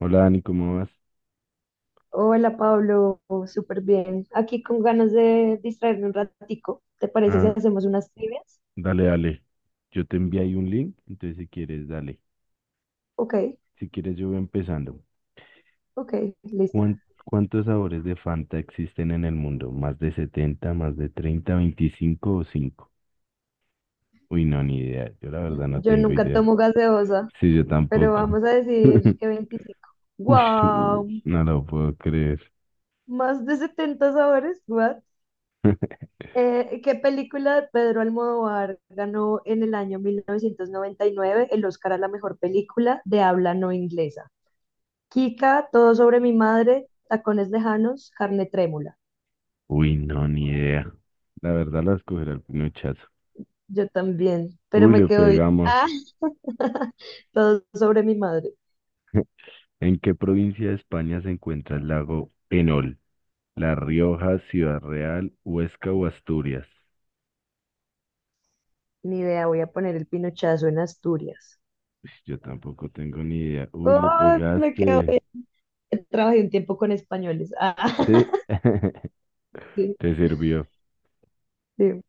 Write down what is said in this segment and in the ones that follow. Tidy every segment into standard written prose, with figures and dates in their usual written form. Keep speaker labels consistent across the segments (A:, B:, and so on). A: Hola Dani, ¿cómo vas?
B: Hola Pablo, súper bien. Aquí con ganas de distraerme un ratico. ¿Te parece si
A: Ah,
B: hacemos unas trivias?
A: dale, dale. Yo te envié ahí un link, entonces si quieres, dale.
B: Ok,
A: Si quieres, yo voy empezando.
B: ok, listo.
A: ¿Cuántos sabores de Fanta existen en el mundo? ¿Más de 70, más de 30, 25 o cinco? Uy, no, ni idea. Yo la verdad no
B: Yo
A: tengo
B: nunca
A: idea.
B: tomo gaseosa,
A: Sí, yo
B: pero
A: tampoco.
B: vamos a decir que 25.
A: Uy,
B: ¡Wow!
A: no lo puedo creer.
B: Más de 70 sabores, ¿what? ¿Qué película de Pedro Almodóvar ganó en el año 1999 el Oscar a la mejor película de habla no inglesa? Kika, Todo sobre mi madre, Tacones lejanos, Carne trémula.
A: Uy, no, ni idea. La verdad la escogerá el pinochazo.
B: Yo también, pero
A: Uy,
B: me
A: le
B: quedo bien.
A: pegamos.
B: Ah, todo sobre mi madre.
A: ¿En qué provincia de España se encuentra el lago Enol? La Rioja, Ciudad Real, Huesca o Asturias.
B: Ni idea, voy a poner el pinochazo en Asturias.
A: Uy, yo tampoco tengo ni idea. Uy, le
B: ¡Ay, me quedo
A: pegaste.
B: bien! Trabajé un tiempo con españoles. Ah,
A: Sí.
B: sí,
A: Te sirvió.
B: sí.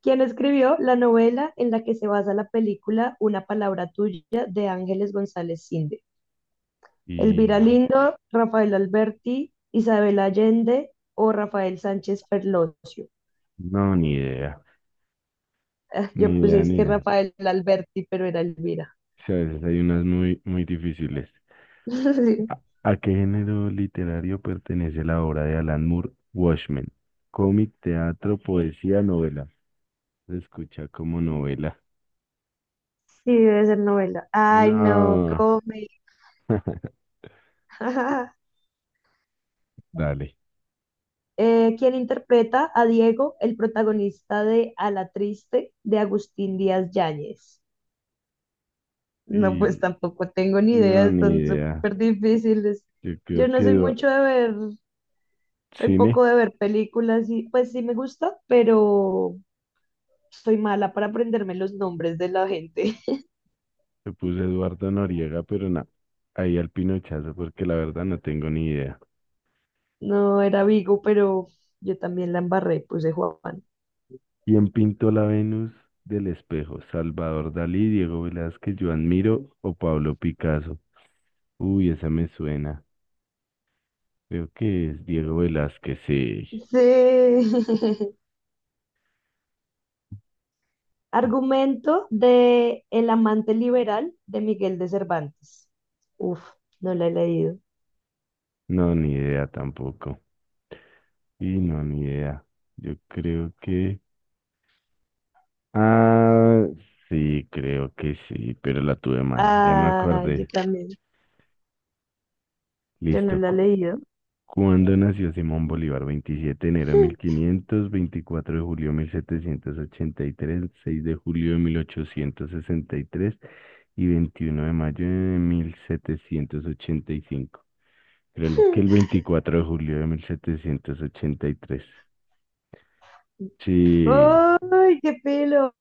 B: ¿Quién escribió la novela en la que se basa la película Una palabra tuya de Ángeles González Cinde? ¿Elvira
A: Y
B: Lindo, Rafael Alberti, Isabel Allende o Rafael Sánchez Ferlosio?
A: no, ni idea.
B: Ah,
A: Ni
B: yo puse
A: idea,
B: es
A: ni
B: que
A: idea.
B: Rafael Alberti, pero era Elvira.
A: Sí, a veces hay unas muy, muy difíciles. ¿A qué género literario pertenece la obra de Alan Moore, Watchmen? Cómic, teatro, poesía, novela. Se escucha como novela.
B: Sí, debe ser novela. Ay, no,
A: No,
B: come.
A: dale.
B: ¿Quién interpreta a Diego, el protagonista de A la Triste de Agustín Díaz Yáñez? No,
A: Y
B: pues tampoco tengo ni idea,
A: no, ni
B: están
A: idea.
B: súper difíciles.
A: Yo
B: Yo
A: creo
B: no
A: que
B: soy
A: va-
B: mucho de ver, soy
A: cine.
B: poco de ver películas y pues sí me gusta, pero soy mala para aprenderme los nombres de la gente.
A: Le puse Eduardo Noriega, pero no, ahí al pinochazo porque la verdad no tengo ni idea.
B: No era Vigo, pero yo también la embarré, puse Juan.
A: ¿Quién pintó la Venus del espejo? ¿Salvador Dalí, Diego Velázquez, Joan Miro o Pablo Picasso? Uy, esa me suena. Creo que es Diego Velázquez, sí.
B: Sí. Argumento de El amante liberal de Miguel de Cervantes. Uf, no la he leído.
A: No, ni idea tampoco. Y no, ni idea. Yo creo que... Ah, sí, creo que sí, pero la tuve mal. Ya me
B: Ah, yo
A: acordé.
B: también. Yo no
A: Listo.
B: la he leído.
A: ¿Cuándo nació Simón Bolívar? Veintisiete de enero de mil quinientos 24 de julio de 1783, 6 de julio de 1863 y 21 de mayo de 1785. Creo que el 24 de julio de 1783. Sí.
B: ¡Ay, qué pelo!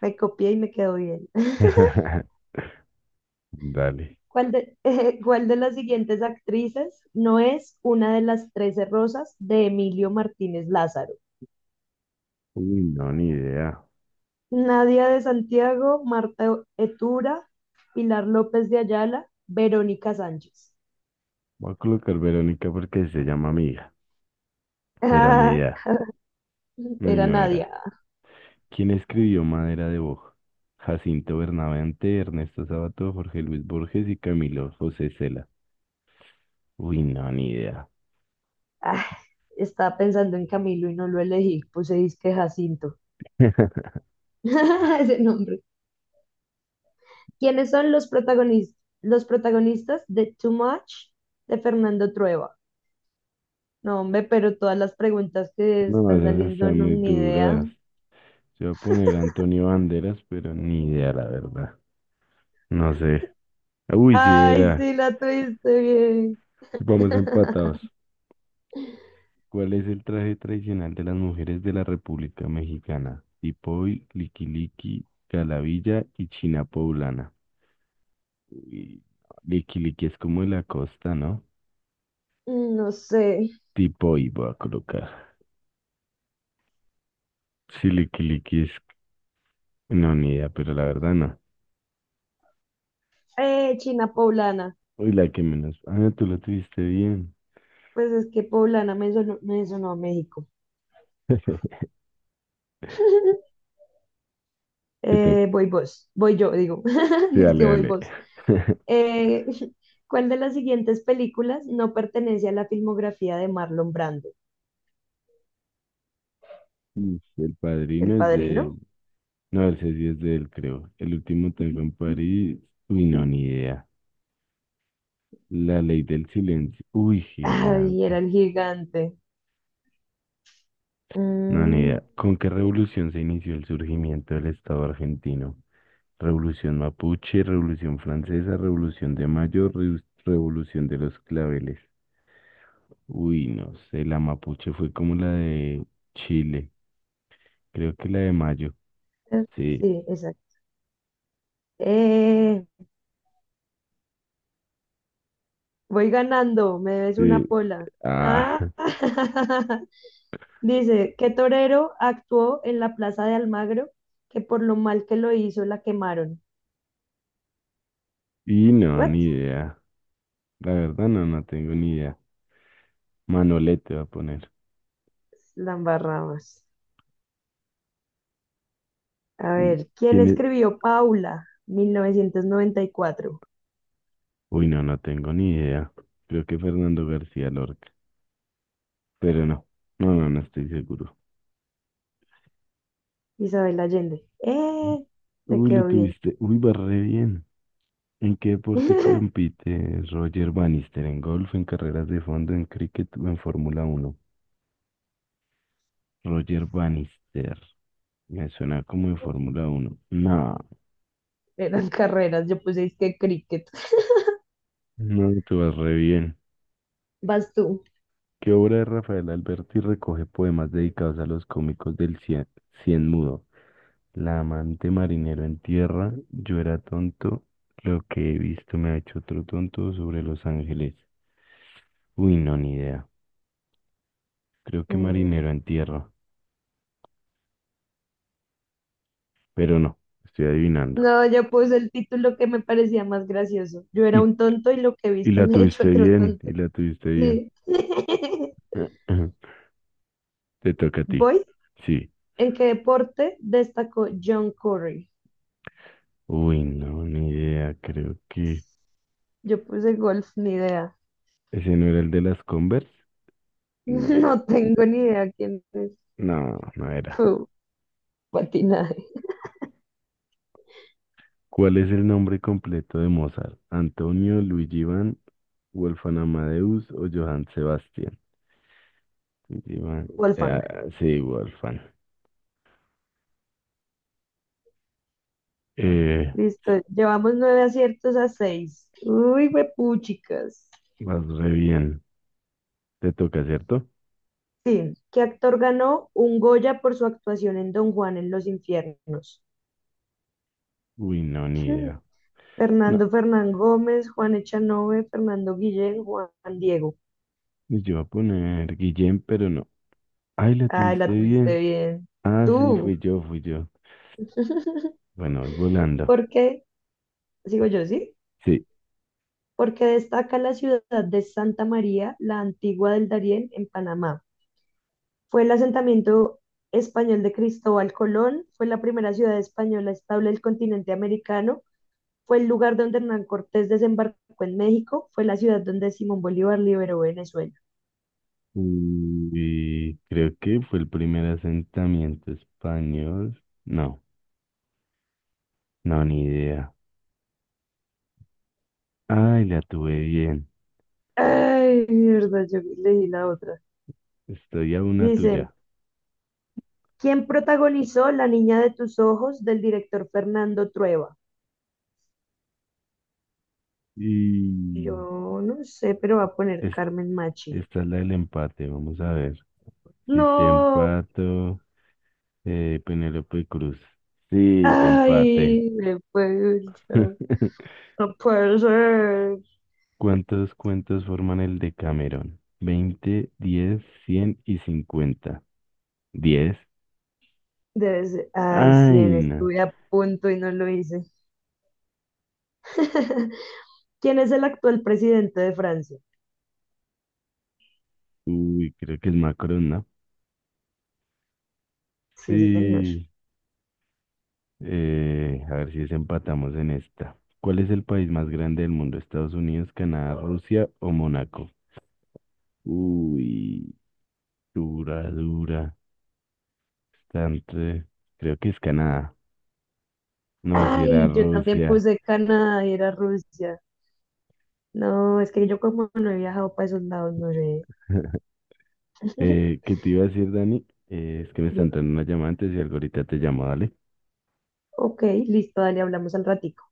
B: Me copié y me quedó bien.
A: Dale.
B: ¿Cuál de, Cuál de las siguientes actrices no es una de las trece rosas de Emilio Martínez Lázaro?
A: Uy, no, ni idea.
B: Nadia de Santiago, Marta Etura, Pilar López de Ayala, Verónica Sánchez.
A: Voy a colocar Verónica porque se llama amiga, pero ni idea. Ay,
B: Era
A: no
B: Nadia.
A: era. ¿Quién escribió Madera de Boj? Jacinto Bernabente, Ernesto Sabato, Jorge Luis Borges y Camilo José Cela. Uy, no, ni idea.
B: Ah, estaba pensando en Camilo y no lo elegí. Puse disque Jacinto. Ese nombre. ¿Quiénes son los protagonistas de Too Much de Fernando Trueba? No, hombre, pero todas las preguntas que
A: No,
B: están
A: esas
B: saliendo
A: están
B: no
A: muy
B: ni idea.
A: duras. Yo voy a poner Antonio Banderas, pero ni idea, la verdad. No sé. Uy, sí
B: Ay,
A: era.
B: sí, la tuviste bien.
A: Vamos empatados. ¿Cuál es el traje tradicional de las mujeres de la República Mexicana? Tipoy, liquiliqui, calavilla y china poblana. Uy, liquiliqui es como de la costa, ¿no?
B: No sé.
A: Tipo y voy a colocar. Si es. No, ni idea, pero la verdad no.
B: China Poblana.
A: Uy, la que menos. Ah, tú lo tuviste bien.
B: Pues es que Poblana me sonó a México.
A: Te to-
B: Voy vos. Voy yo, digo.
A: sí,
B: Es
A: dale,
B: que voy
A: dale.
B: vos. Eh, ¿Cuál de las siguientes películas no pertenece a la filmografía de Marlon Brando?
A: Mm, El
B: ¿El
A: Padrino es de él.
B: Padrino?
A: No, el sí es de él, creo. El último tango en París. Uy, no, ni idea. La ley del silencio. Uy,
B: Ay, era
A: gigante.
B: el gigante.
A: No, ni
B: Mm,
A: idea. ¿Con qué revolución se inició el surgimiento del Estado argentino? Revolución mapuche, revolución francesa, revolución de mayo, revolución de los claveles. Uy, no sé, la mapuche fue como la de Chile, creo que la de mayo.
B: eh,
A: Sí,
B: sí, exacto. Eh, Voy ganando, me debes una
A: sí.
B: pola. Ah,
A: Ah,
B: dice, ¿qué torero actuó en la plaza de Almagro que por lo mal que lo hizo la quemaron?
A: y no,
B: ¿What?
A: ni idea. La verdad, no, no tengo ni idea. Manolete va a poner.
B: La embarramos. A
A: Mm,
B: ver, ¿quién
A: ¿quién es?
B: escribió Paula? 1994.
A: Uy, no, no tengo ni idea. Creo que Fernando García Lorca, pero no, no, no, no estoy seguro.
B: Isabel Allende. ¡Eh! Me
A: Uy, lo
B: quedó bien.
A: tuviste. Uy, va re bien. ¿En qué deporte compite Roger Bannister? ¿En golf, en carreras de fondo, en cricket o en Fórmula Uno? Roger Bannister. Me suena como de Fórmula Uno. No,
B: Eran carreras, yo puse es que cricket.
A: no, te vas re bien.
B: Vas tú.
A: ¿Qué obra de Rafael Alberti recoge poemas dedicados a los cómicos del cien, cien mudo? La amante marinero en tierra, yo era tonto, lo que he visto me ha hecho otro tonto sobre Los Ángeles. Uy, no, ni idea. Creo que
B: Mm,
A: marinero en tierra, pero no, estoy adivinando.
B: No, yo puse el título que me parecía más gracioso. Yo era
A: Y,
B: un tonto y lo que he
A: y
B: visto
A: la
B: me ha hecho
A: tuviste
B: otro
A: bien,
B: tonto.
A: y la tuviste bien.
B: Sí.
A: Te toca a ti.
B: Voy.
A: Sí.
B: ¿En qué deporte destacó John Curry?
A: Uy, no, ni idea. Creo que
B: Yo puse golf, ni idea.
A: ese no era el de las Converse. No,
B: No tengo ni idea quién es.
A: no, no era.
B: Fu, patinaje.
A: ¿Cuál es el nombre completo de Mozart? ¿Antonio, Luigi Van, Wolfgang Amadeus o Johann Sebastian? Luigi Van. eh,
B: Wolfgang.
A: ah, sí, Wolfgang. Eh,
B: Listo. Llevamos nueve aciertos a seis. Uy, chicas.
A: vas re bien. Te toca, ¿cierto?
B: Sí, ¿qué actor ganó un Goya por su actuación en Don Juan en Los Infiernos?
A: Uy, no, ni
B: Hmm.
A: idea. No,
B: Fernando Fernán Gómez, Juan Echanove, Fernando Guillén, Juan Diego.
A: yo iba a poner Guillem, pero no. Ay, la
B: Ay,
A: tuviste
B: la tuviste
A: bien.
B: bien.
A: Ah, sí,
B: Tú.
A: fui yo, fui yo. Bueno, voy volando.
B: ¿Por qué? Sigo yo, ¿sí?
A: Sí.
B: Porque destaca la ciudad de Santa María, la antigua del Darién, en Panamá. Fue el asentamiento español de Cristóbal Colón, fue la primera ciudad española estable del continente americano. Fue el lugar donde Hernán Cortés desembarcó en México, fue la ciudad donde Simón Bolívar liberó Venezuela.
A: Y creo que fue el primer asentamiento español. No, no, ni idea. Ay, la tuve bien.
B: Ay, mierda, yo leí la otra.
A: Estoy a una
B: Dice,
A: tuya.
B: ¿quién protagonizó La niña de tus ojos del director Fernando Trueba?
A: Y
B: Yo no sé, pero va a poner
A: es,
B: Carmen Machi.
A: esta es la del empate. Vamos a ver. Si te
B: No,
A: empato, Penélope Cruz. Sí, te empate.
B: ay, me puede no puede ser.
A: ¿Cuántos cuentos forman el Decamerón? 20, 10, 100 y 50. 10.
B: Debe ser. Ay, sí,
A: Ay, no.
B: estuve a punto y no lo hice. ¿Quién es el actual presidente de Francia?
A: Uy, creo que es Macron, ¿no?
B: Sí, sí, señor.
A: Sí, a ver si desempatamos en esta. ¿Cuál es el país más grande del mundo? ¿Estados Unidos, Canadá, Rusia o Mónaco? Uy, dura, dura. Bastante. Creo que es Canadá. No, si era
B: Ay, yo también
A: Rusia.
B: puse Canadá y era Rusia. No, es que yo como no he viajado para esos lados, no sé.
A: ¿Qué te iba a decir, Dani? Es que me está
B: Bien.
A: entrando una llamada antes y algo ahorita te llamo, dale.
B: Ok, listo, dale, hablamos al ratito.